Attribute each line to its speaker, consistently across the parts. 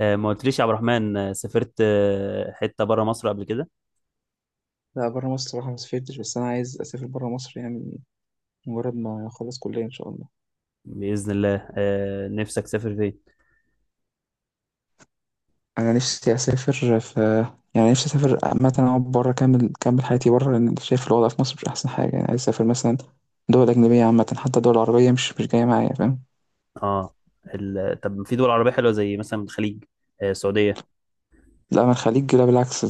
Speaker 1: ما قلتليش يا عبد الرحمن، سافرت حتة بره مصر قبل كده؟
Speaker 2: لا، بره مصر صراحة ما سافرتش، بس أنا عايز أسافر بره مصر يعني مجرد ما أخلص كلية إن شاء الله.
Speaker 1: بإذن الله. نفسك تسافر فين؟
Speaker 2: أنا نفسي أسافر في، يعني نفسي أسافر عامة، أقعد بره، أكمل حياتي بره لأن شايف الوضع في مصر مش أحسن حاجة يعني، عايز أسافر مثلا دول أجنبية عامة، حتى دول عربية مش جاية معايا، فاهم؟
Speaker 1: اه. طب في دول عربية حلوة زي مثلا الخليج، السعودية.
Speaker 2: لا، أنا الخليج لا، بالعكس.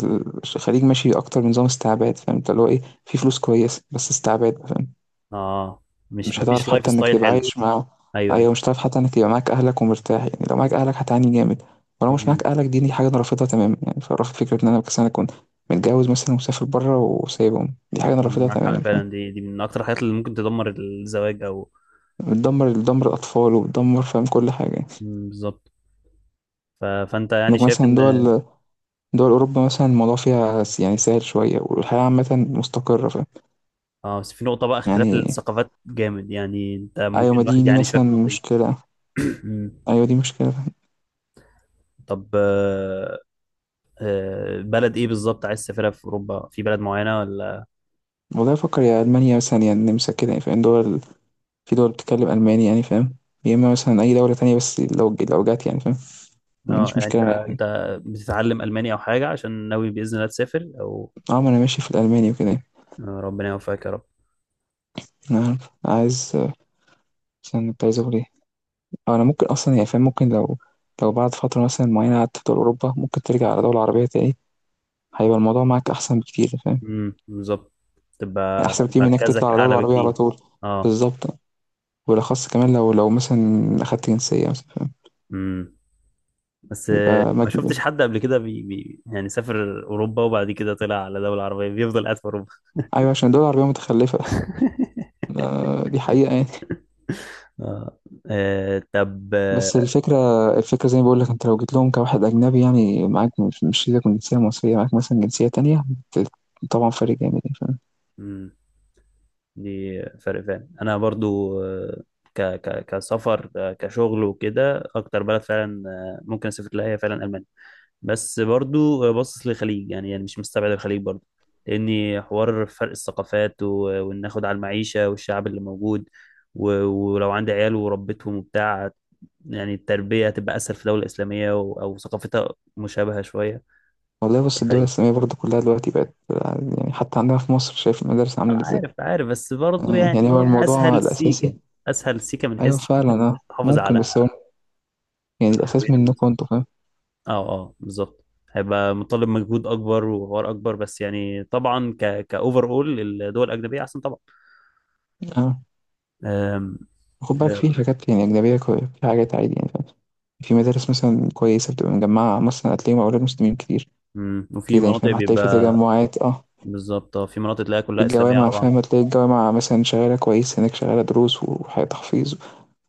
Speaker 2: الخليج ماشي أكتر بنظام استعباد، فاهم أنت؟ اللي هو إيه، في فلوس كويسة بس استعباد، فاهم.
Speaker 1: اه، مش
Speaker 2: مش هتعرف
Speaker 1: مفيش لايف
Speaker 2: حتى انك
Speaker 1: ستايل
Speaker 2: تبقى
Speaker 1: حلو.
Speaker 2: عايش معاهم.
Speaker 1: ايوه، ايوه.
Speaker 2: ايوه، مش هتعرف حتى انك تبقى معاك اهلك ومرتاح يعني، لو معاك اهلك هتعاني جامد، ولو مش
Speaker 1: مم.
Speaker 2: معاك اهلك دي حاجه انا رافضها تماما، يعني فرافض فكره ان انا مثلا اكون متجوز مثلا ومسافر بره وسايبهم، دي حاجه انا رافضها
Speaker 1: معاك حق
Speaker 2: تماما، فاهم.
Speaker 1: فعلا. دي من اكتر الحاجات اللي ممكن تدمر الزواج او...
Speaker 2: بتدمر الاطفال وبتدمر، فاهم، كل حاجه.
Speaker 1: مم، بالظبط. فانت يعني
Speaker 2: انك
Speaker 1: شايف
Speaker 2: مثلا
Speaker 1: ان...
Speaker 2: دول اوروبا مثلا الموضوع فيها يعني سهل شويه، والحياه عامه مستقره، فاهم.
Speaker 1: اه. بس في نقطة بقى، اختلاف
Speaker 2: يعني
Speaker 1: الثقافات جامد يعني. انت
Speaker 2: ايوه،
Speaker 1: ممكن
Speaker 2: ما دي
Speaker 1: الواحد
Speaker 2: دي
Speaker 1: يعني شايف
Speaker 2: مثلا
Speaker 1: النقطة دي.
Speaker 2: مشكله.
Speaker 1: مم.
Speaker 2: ايوه، دي مشكله، فاهم.
Speaker 1: طب. بلد ايه بالظبط عايز تسافرها؟ في اوروبا في بلد معينه ولا...
Speaker 2: والله افكر يا المانيا مثلا يا النمسا كده يعني، فاهم. دول في دول بتتكلم ألماني يعني، فاهم. يا إما مثلا أي دولة تانية، بس لو جات يعني فاهم،
Speaker 1: اه،
Speaker 2: مش
Speaker 1: يعني انت
Speaker 2: مشكلة مع أي حاجة.
Speaker 1: انت بتتعلم الماني او حاجه عشان ناوي باذن الله تسافر او...
Speaker 2: اه، ما أنا ماشي في الألماني وكده يعني.
Speaker 1: ربنا يوفقك يا رب.
Speaker 2: أنا عارف. عايز مثلا كنت عايز أقول إيه، أو أنا ممكن أصلا يعني فاهم، ممكن لو بعد فترة مثلا معينة قعدت في دول أوروبا، ممكن ترجع على دولة عربية تاني، هيبقى الموضوع معاك أحسن بكتير، فاهم.
Speaker 1: امم، بالظبط.
Speaker 2: يعني
Speaker 1: تبقى
Speaker 2: أحسن بكتير من إنك تطلع
Speaker 1: مركزك
Speaker 2: على
Speaker 1: اعلى
Speaker 2: دولة عربية
Speaker 1: بكتير.
Speaker 2: على طول.
Speaker 1: اه.
Speaker 2: بالظبط. وبالأخص كمان لو مثلا أخدت جنسية مثلا، فاهم.
Speaker 1: امم بس
Speaker 2: بيبقى
Speaker 1: ما
Speaker 2: مجموع.
Speaker 1: شفتش حد قبل كده بي بي يعني سافر اوروبا وبعد كده طلع على دوله عربيه بيفضل قاعد في اوروبا.
Speaker 2: أيوة، عشان الدول العربية متخلفة. آه، دي حقيقة يعني.
Speaker 1: اه. طب.
Speaker 2: بس الفكرة زي ما بقول لك انت، لو جيت لهم كواحد أجنبي يعني معاك مش سيبك من جنسية مصرية، معاك مثلا جنسية تانية، بت- طبعا فرق جامد يعني، فاهم.
Speaker 1: مم. دي فرق فعلا. انا برضو ك ك كسفر، كشغل وكده، اكتر بلد فعلا ممكن اسافر لها هي فعلا المانيا. بس برضو باصص للخليج، يعني مش مستبعد الخليج برضو. لاني حوار فرق الثقافات وان اخد على المعيشه والشعب اللي موجود، ولو عندي عيال وربيتهم وبتاع، يعني التربيه هتبقى اسهل في دوله اسلاميه، او ثقافتها مشابهه شويه.
Speaker 2: والله
Speaker 1: في
Speaker 2: بص، الدول
Speaker 1: الخليج.
Speaker 2: الإسلامية برضه كلها دلوقتي بقت يعني، حتى عندنا في مصر شايف المدارس عاملة ازاي.
Speaker 1: عارف، عارف. بس برضه
Speaker 2: يعني هو
Speaker 1: يعني،
Speaker 2: والله الموضوع
Speaker 1: اسهل
Speaker 2: الأساسي.
Speaker 1: سيكه، اسهل سيكه من
Speaker 2: أيوه
Speaker 1: حيث
Speaker 2: فعلا، اه
Speaker 1: تحافظ
Speaker 2: ممكن، بس
Speaker 1: على
Speaker 2: هو يعني الأساس
Speaker 1: هويتك مثلا.
Speaker 2: منكم انتوا، فاهم.
Speaker 1: اه، اه، بالظبط. هيبقى مطالب مجهود اكبر وحوار اكبر، بس يعني طبعا كاوفر اول الدول الاجنبيه احسن طبعا.
Speaker 2: اه،
Speaker 1: أم...
Speaker 2: خد بالك، في حاجات يعني أجنبية في حاجات عادي يعني، فاهم. في مدارس مثلا كويسة بتبقى مجمعة، مثلا هتلاقيهم أولاد مسلمين كتير
Speaker 1: وفي
Speaker 2: كده يعني،
Speaker 1: مناطق
Speaker 2: فاهم. هتلاقي في
Speaker 1: بيبقى...
Speaker 2: تجمعات، اه.
Speaker 1: بالظبط. اه، في مناطق تلاقيها
Speaker 2: في
Speaker 1: كلها اسلاميه على
Speaker 2: الجوامع،
Speaker 1: بعض.
Speaker 2: فاهم، هتلاقي الجوامع مثلا شغالة كويس، هناك شغالة دروس وحياة تحفيظ،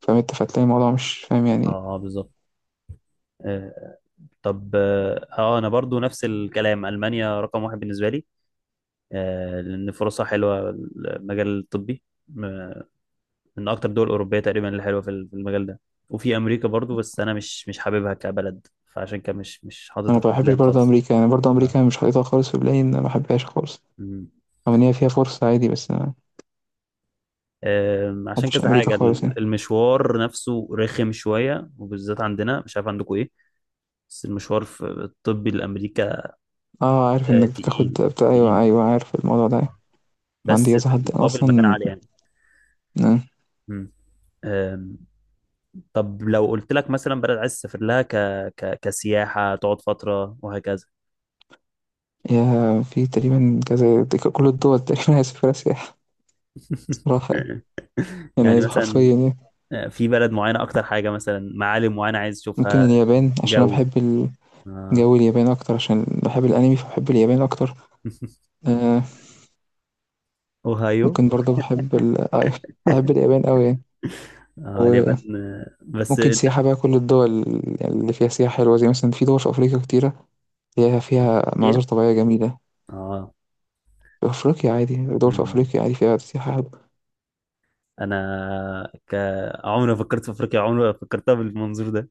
Speaker 2: فاهم انت؟ فتلاقي الموضوع مش فاهم يعني.
Speaker 1: اه، اه، بالظبط. آه، طب. اه، انا برضو نفس الكلام. المانيا رقم واحد بالنسبه لي، لان فرصها حلوه، المجال الطبي. من اكتر الدول الاوروبيه تقريبا اللي حلوه في المجال ده. وفي امريكا برضو، بس انا مش حاببها كبلد، فعشان كده مش
Speaker 2: انا
Speaker 1: حاططها
Speaker 2: ما
Speaker 1: في
Speaker 2: بحبش
Speaker 1: البلان
Speaker 2: برضه
Speaker 1: خالص.
Speaker 2: امريكا يعني، برضه
Speaker 1: اه.
Speaker 2: امريكا مش حاططها خالص في بالي، ان انا ما بحبهاش خالص،
Speaker 1: مم.
Speaker 2: رغم ان هي فيها فرصة عادي، بس انا ما
Speaker 1: عشان
Speaker 2: بحبش
Speaker 1: كذا
Speaker 2: امريكا
Speaker 1: حاجه،
Speaker 2: خالص يعني.
Speaker 1: المشوار نفسه رخم شويه، وبالذات عندنا مش عارف عندكم ايه، بس المشوار في الطبي لامريكا
Speaker 2: اه، عارف انك بتاخد
Speaker 1: تقيل،
Speaker 2: بتاع. ايوه،
Speaker 1: تقيل.
Speaker 2: ايوه، عارف الموضوع ده.
Speaker 1: بس
Speaker 2: عندي كذا
Speaker 1: في
Speaker 2: حد
Speaker 1: المقابل مكان
Speaker 2: اصلا
Speaker 1: عالي يعني.
Speaker 2: آه،
Speaker 1: مم. آم، طب لو قلت لك مثلا بلد عايز تسافر لها كسياحة، تقعد فترة وهكذا.
Speaker 2: يا في تقريبا كذا، كل الدول تقريبا هيسافرها سياحة صراحة يعني، يعني
Speaker 1: يعني
Speaker 2: عايز حرفيا
Speaker 1: مثلا
Speaker 2: يعني.
Speaker 1: في بلد معينة أكتر حاجة، مثلا معالم معينة عايز
Speaker 2: ممكن
Speaker 1: تشوفها؟
Speaker 2: اليابان عشان انا
Speaker 1: جو.
Speaker 2: بحب
Speaker 1: آه.
Speaker 2: جو اليابان اكتر، عشان بحب الانمي، فبحب اليابان اكتر آه،
Speaker 1: أوهايو.
Speaker 2: ممكن برضه بحب بحب اليابان أوي يعني.
Speaker 1: آه،
Speaker 2: وممكن
Speaker 1: اليابان. بس أنت...
Speaker 2: سياحة بقى، كل الدول اللي فيها سياحة حلوة زي مثلا في دول في أفريقيا كتيرة فيها
Speaker 1: أفريقيا؟
Speaker 2: مناظر طبيعية جميلة.
Speaker 1: آه.
Speaker 2: في أفريقيا عادي، دول في
Speaker 1: مم.
Speaker 2: أفريقيا عادي فيها سياحة حلوة.
Speaker 1: أنا عمري ما فكرت في أفريقيا، عمري ما فكرتها بالمنظور ده.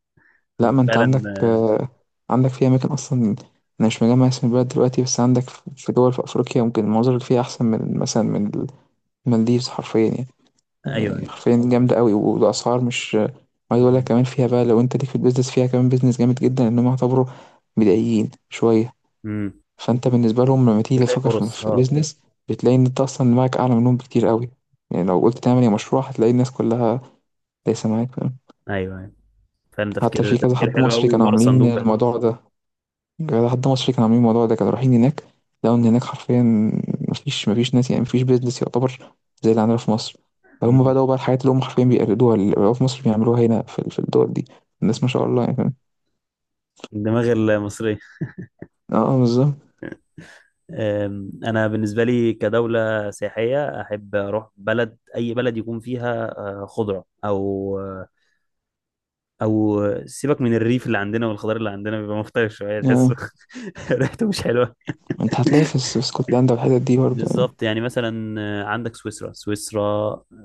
Speaker 2: لا،
Speaker 1: أنت
Speaker 2: ما أنت
Speaker 1: فعلا.
Speaker 2: عندك، عندك في أماكن أصلا. أنا مش مجمع اسم البلد دلوقتي، بس عندك في دول في أفريقيا ممكن المناظر اللي فيها أحسن من مثلا من المالديفز حرفيا يعني.
Speaker 1: أيوه،
Speaker 2: يعني
Speaker 1: أيوه.
Speaker 2: حرفيا جامدة قوي، والأسعار مش عايز أقول لك،
Speaker 1: مم.
Speaker 2: كمان فيها بقى لو أنت ليك في البيزنس، فيها كمان بيزنس جامد جدا إن هم يعتبروا بدائيين شوية.
Speaker 1: مم.
Speaker 2: فأنت بالنسبة لهم لما تيجي
Speaker 1: بتلاقي
Speaker 2: تفكر في
Speaker 1: فرص،
Speaker 2: في
Speaker 1: أه.
Speaker 2: بيزنس، بتلاقي إن أنت أصلا دماغك أعلى منهم بكتير قوي. يعني لو قلت تعمل يا مشروع، هتلاقي الناس كلها ليس معاك، فاهم؟
Speaker 1: أيوه، أيوه، فعلا.
Speaker 2: حتى
Speaker 1: تفكير،
Speaker 2: في كذا
Speaker 1: تفكير
Speaker 2: حد
Speaker 1: حلو
Speaker 2: مصري
Speaker 1: أوي
Speaker 2: كانوا
Speaker 1: وبره
Speaker 2: عاملين
Speaker 1: الصندوق فعلا.
Speaker 2: الموضوع ده، لحد ما مصر كانوا عاملين الموضوع ده، كانوا رايحين هناك، لقوا ان هناك حرفيا مفيش ناس يعني، مفيش بيزنس يعتبر زي اللي عندنا في مصر، فهم
Speaker 1: مم.
Speaker 2: بدأوا بقى الحاجات اللي هم حرفيا بيقلدوها، اللي بقوا في مصر بيعملوها هنا في الدول دي. الناس ما
Speaker 1: مم.
Speaker 2: شاء الله يعني، فاهم؟
Speaker 1: الدماغ المصرية.
Speaker 2: اه بالظبط،
Speaker 1: أنا بالنسبة لي كدولة سياحية أحب أروح بلد، أي بلد يكون فيها خضرة، أو سيبك، من الريف اللي عندنا والخضار اللي عندنا بيبقى مختلف شوية تحسه.
Speaker 2: اه.
Speaker 1: ريحته مش حلوة.
Speaker 2: انت هتلاقي في اسكتلندا والحتت دي برضه يعني.
Speaker 1: بالظبط. يعني مثلا عندك سويسرا، سويسرا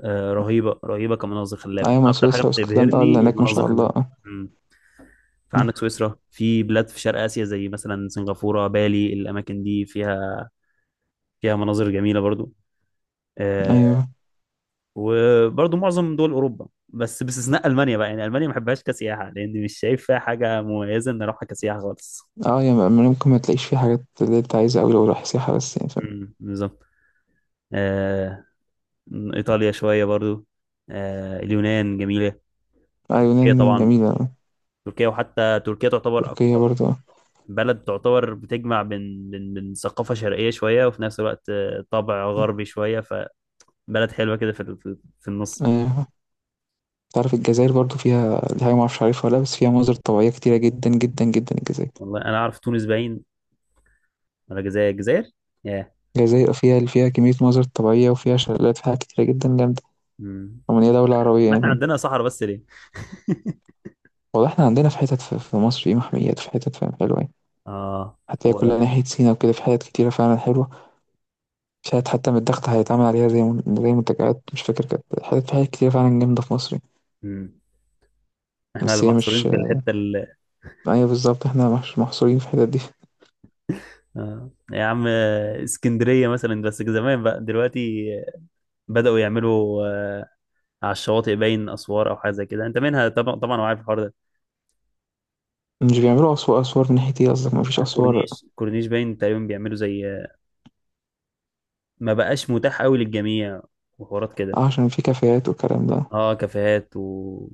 Speaker 1: رهيبة، رهيبة كمناظر خلابة.
Speaker 2: ايوه،
Speaker 1: أنا
Speaker 2: مع
Speaker 1: أكتر حاجة
Speaker 2: سويسرا واسكتلندا، اه، اللي
Speaker 1: بتبهرني
Speaker 2: هناك ما
Speaker 1: المناظر
Speaker 2: شاء الله،
Speaker 1: الخلابة.
Speaker 2: اه.
Speaker 1: مم.
Speaker 2: آه.
Speaker 1: فعندك سويسرا، في بلاد في شرق آسيا زي مثلا سنغافورة، بالي. الأماكن دي فيها فيها مناظر جميلة برضو. آه،
Speaker 2: ايوه،
Speaker 1: وبرضه معظم دول اوروبا، بس باستثناء المانيا بقى. يعني المانيا ما بحبهاش كسياحه لان مش شايف فيها حاجه مميزه ان اروحها كسياحه خالص.
Speaker 2: اه يعني ممكن ما تلاقيش فيه حاجات اللي انت عايزها اوي لو رايح سياحة بس يعني، فاهم.
Speaker 1: امم، بالظبط. آه، ايطاليا شويه برضو. آه، اليونان جميله.
Speaker 2: آه،
Speaker 1: تركيا
Speaker 2: يونان
Speaker 1: طبعا،
Speaker 2: جميلة.
Speaker 1: تركيا. وحتى تركيا تعتبر
Speaker 2: تركيا
Speaker 1: اكتر
Speaker 2: برضه.
Speaker 1: بلد تعتبر بتجمع بين ثقافه شرقيه شويه وفي نفس الوقت طابع
Speaker 2: آه.
Speaker 1: غربي شويه. فبلد حلوه كده في النص.
Speaker 2: ايوه، تعرف الجزائر برضو فيها، دي حاجة معرفش عارفها ولا لأ، بس فيها مناظر طبيعية كتيرة جدا جدا جدا الجزائر.
Speaker 1: والله انا اعرف تونس باين، ولا الجزائر؟ الجزائر. ياه.
Speaker 2: الجزائر فيها كمية مناظر طبيعية، وفيها شلالات، فيها حاجات كتيرة جدا جامدة،
Speaker 1: مم.
Speaker 2: رغم إن هي دولة عربية
Speaker 1: ما احنا
Speaker 2: يعني.
Speaker 1: عندنا صحراء بس ليه.
Speaker 2: والله احنا عندنا في حتت في مصر، في محميات، في حتت، فاهم، حلوة يعني.
Speaker 1: اه.
Speaker 2: هتلاقي
Speaker 1: و...
Speaker 2: كلها ناحية سينا وكده، في حتت كتيرة فعلا حلوة. في حتت حتى من الضغط هيتعمل عليها زي زي منتجعات، مش فاكر، كانت حتت، في حتت كتيرة فعلا جامدة في مصر يعني.
Speaker 1: مم. احنا اللي
Speaker 2: بس هي
Speaker 1: محصورين
Speaker 2: مش.
Speaker 1: في الحته
Speaker 2: أيوة بالظبط، احنا مش محصورين في الحتت دي.
Speaker 1: آه. يا عم، اسكندريه مثلا، بس زمان بقى. دلوقتي بداوا يعملوا على الشواطئ باين اسوار او حاجه زي كده، انت منها طبعا، طبعا وعارف الحوار ده.
Speaker 2: مش بيعملوا أسوار، أسوار من ناحية ايه قصدك؟ مفيش
Speaker 1: على
Speaker 2: أسوار.
Speaker 1: الكورنيش، الكورنيش باين تقريبا بيعملوا زي ما بقاش متاح قوي للجميع، وحوارات كده.
Speaker 2: عشان في كافيهات والكلام ده؟
Speaker 1: اه، كافيهات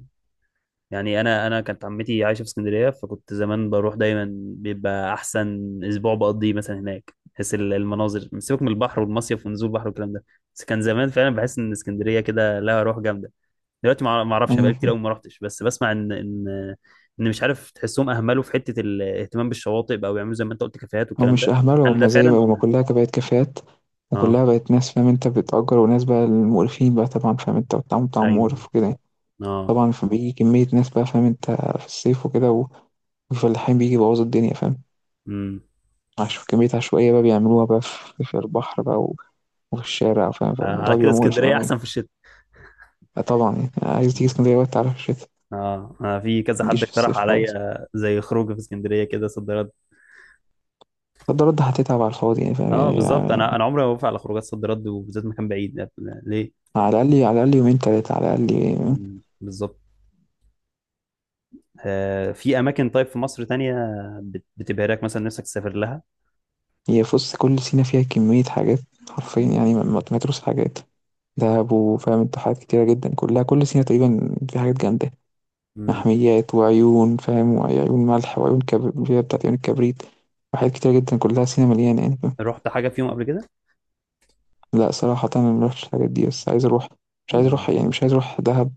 Speaker 1: يعني انا كانت عمتي عايشه في اسكندريه، فكنت زمان بروح دايما. بيبقى احسن اسبوع بقضيه مثلا هناك بحيث المناظر، سيبك من البحر والمصيف ونزول البحر والكلام ده. بس كان زمان فعلا بحس ان اسكندريه كده لها روح جامده. دلوقتي ما اعرفش، انا بقالي كتير قوي
Speaker 2: أيوة،
Speaker 1: ما رحتش، بس بسمع ان مش عارف تحسهم اهملوا في حته الاهتمام بالشواطئ بقى ويعملوا زي ما انت قلت كافيهات
Speaker 2: هو
Speaker 1: والكلام
Speaker 2: مش
Speaker 1: ده.
Speaker 2: أهمله،
Speaker 1: هل ده
Speaker 2: هما زي ما
Speaker 1: فعلا
Speaker 2: هما
Speaker 1: ولا...
Speaker 2: كلها بقت كافيهات،
Speaker 1: اه،
Speaker 2: وكلها بقت ناس، فاهم انت، بتأجر، وناس بقى المقرفين بقى، طبعا فاهم انت، والتعامل بتاعهم
Speaker 1: ايوه،
Speaker 2: مقرف وكده يعني.
Speaker 1: اه.
Speaker 2: طبعا فبيجي كمية ناس بقى، فاهم انت، في الصيف وكده، والفلاحين بيجي يبوظوا الدنيا، فاهم.
Speaker 1: امم
Speaker 2: عشان كمية عشوائية بقى بيعملوها بقى في البحر بقى، وفي الشارع، فاهم، فالموضوع
Speaker 1: على كده
Speaker 2: بيبقى مقرف
Speaker 1: اسكندريه
Speaker 2: أوي يعني.
Speaker 1: احسن في الشتاء.
Speaker 2: آه طبعا يعني، عايز تيجي اسكندرية بقى تعرف الشتا،
Speaker 1: اه. انا في كذا حد
Speaker 2: متجيش في
Speaker 1: اقترح
Speaker 2: الصيف
Speaker 1: عليا
Speaker 2: خالص.
Speaker 1: زي خروج في اسكندريه كده، صد رد.
Speaker 2: صد رد هتتعب على الفاضي يعني، فاهم
Speaker 1: اه،
Speaker 2: يعني
Speaker 1: بالظبط. انا عمري ما بوافق على خروجات صد رد، وبالذات مكان بعيد ليه.
Speaker 2: على الأقل، على الأقل يومين تلاتة على الأقل.
Speaker 1: مم، بالظبط. في اماكن طيب في مصر تانية بتبهرك مثلا، نفسك تسافر لها؟
Speaker 2: هي بص، كل سينا فيها كمية حاجات حرفيا يعني، ما تمتروش حاجات، دهب وفاهم انت، حاجات كتيرة جدا، كلها كل سينا تقريبا في حاجات جامدة.
Speaker 1: مم.
Speaker 2: محميات وعيون، فاهم، وعيون ملح وعيون كبريت بتاعت عيون الكبريت، وحاجات كتيرة جدا، كلها سينا مليانة يعني، فاهم.
Speaker 1: رحت حاجه فيهم قبل كده؟
Speaker 2: لا صراحة أنا مروحتش الحاجات دي، بس عايز أروح. مش عايز
Speaker 1: مم.
Speaker 2: أروح يعني، مش عايز أروح دهب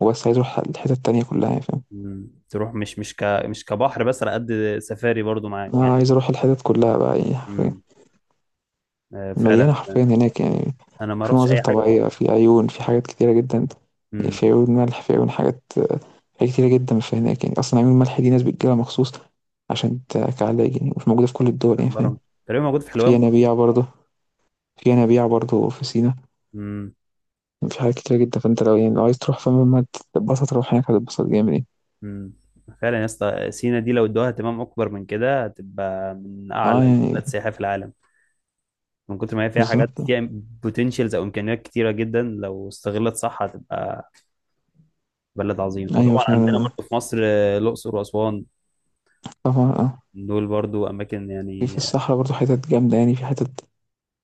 Speaker 2: وبس، عايز أروح الحتت التانية كلها يعني، فاهم.
Speaker 1: مم. تروح مش كبحر، بس على قد سفاري برضو معاك
Speaker 2: أنا
Speaker 1: يعني.
Speaker 2: عايز أروح الحتت كلها بقى يعني،
Speaker 1: مم.
Speaker 2: مليانة
Speaker 1: فعلا.
Speaker 2: حرفيا هناك يعني.
Speaker 1: انا ما
Speaker 2: في
Speaker 1: رحتش
Speaker 2: مناظر
Speaker 1: اي حاجه.
Speaker 2: طبيعية، في عيون، في حاجات كتيرة جدا،
Speaker 1: مم.
Speaker 2: في عيون ملح، في عيون حاجات، حاجات كتيرة جدا في هناك يعني. أصلا عيون الملح دي ناس بتجيلها مخصوص عشان كعلاج يعني، مش موجودة في كل الدول يعني،
Speaker 1: من
Speaker 2: فاهم.
Speaker 1: بره تقريبا موجود في
Speaker 2: في
Speaker 1: حلوان برضو.
Speaker 2: ينابيع برضه في ينابيع برضه في سينا،
Speaker 1: مم.
Speaker 2: في حاجات كتيرة جدا، فأنت لو يعني لو عايز تروح، فاهم، ما تتبسط تروح هناك هتتبسط جامد يعني.
Speaker 1: مم. فعلا يا اسطى، سينا دي لو ادوها اهتمام اكبر من كده هتبقى من
Speaker 2: اه
Speaker 1: اعلى
Speaker 2: يعني.
Speaker 1: البلاد سياحه في العالم، من كتر ما هي فيها حاجات.
Speaker 2: بالظبط.
Speaker 1: فيها بوتنشالز او امكانيات كتيره جدا، لو استغلت صح هتبقى بلد عظيم.
Speaker 2: أيوة
Speaker 1: وطبعا عندنا
Speaker 2: فعلا، آه،
Speaker 1: برضه في مصر الاقصر واسوان،
Speaker 2: طبعا اه.
Speaker 1: دول برضه اماكن
Speaker 2: في
Speaker 1: يعني.
Speaker 2: الصحراء برضه حتت جامدة يعني، في حتت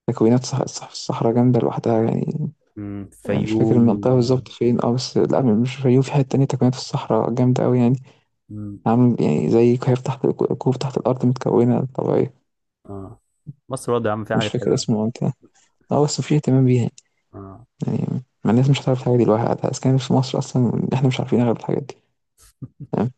Speaker 2: تكوينات. صح صح، في الصحراء جامدة لوحدها يعني، يعني مش فاكر
Speaker 1: فيوم.
Speaker 2: المنطقة بالظبط فين، اه بس لا، مش في الفيوم، في حتة تانية، تكوينات في الصحراء جامدة أوي يعني،
Speaker 1: مم،
Speaker 2: عامل يعني زي كهف تحت كوب تحت الأرض متكونة طبيعية.
Speaker 1: اه. مصر برضه يا عم فيها
Speaker 2: مش
Speaker 1: حاجات
Speaker 2: فاكر
Speaker 1: حلوه.
Speaker 2: اسم المنطقة، اه بس في اهتمام بيها،
Speaker 1: آه.
Speaker 2: يعني ما الناس مش هتعرف الحاجة دي لوحدها، أسكان في مصر أصلا إحنا مش عارفين أغلب الحاجات دي. تمام.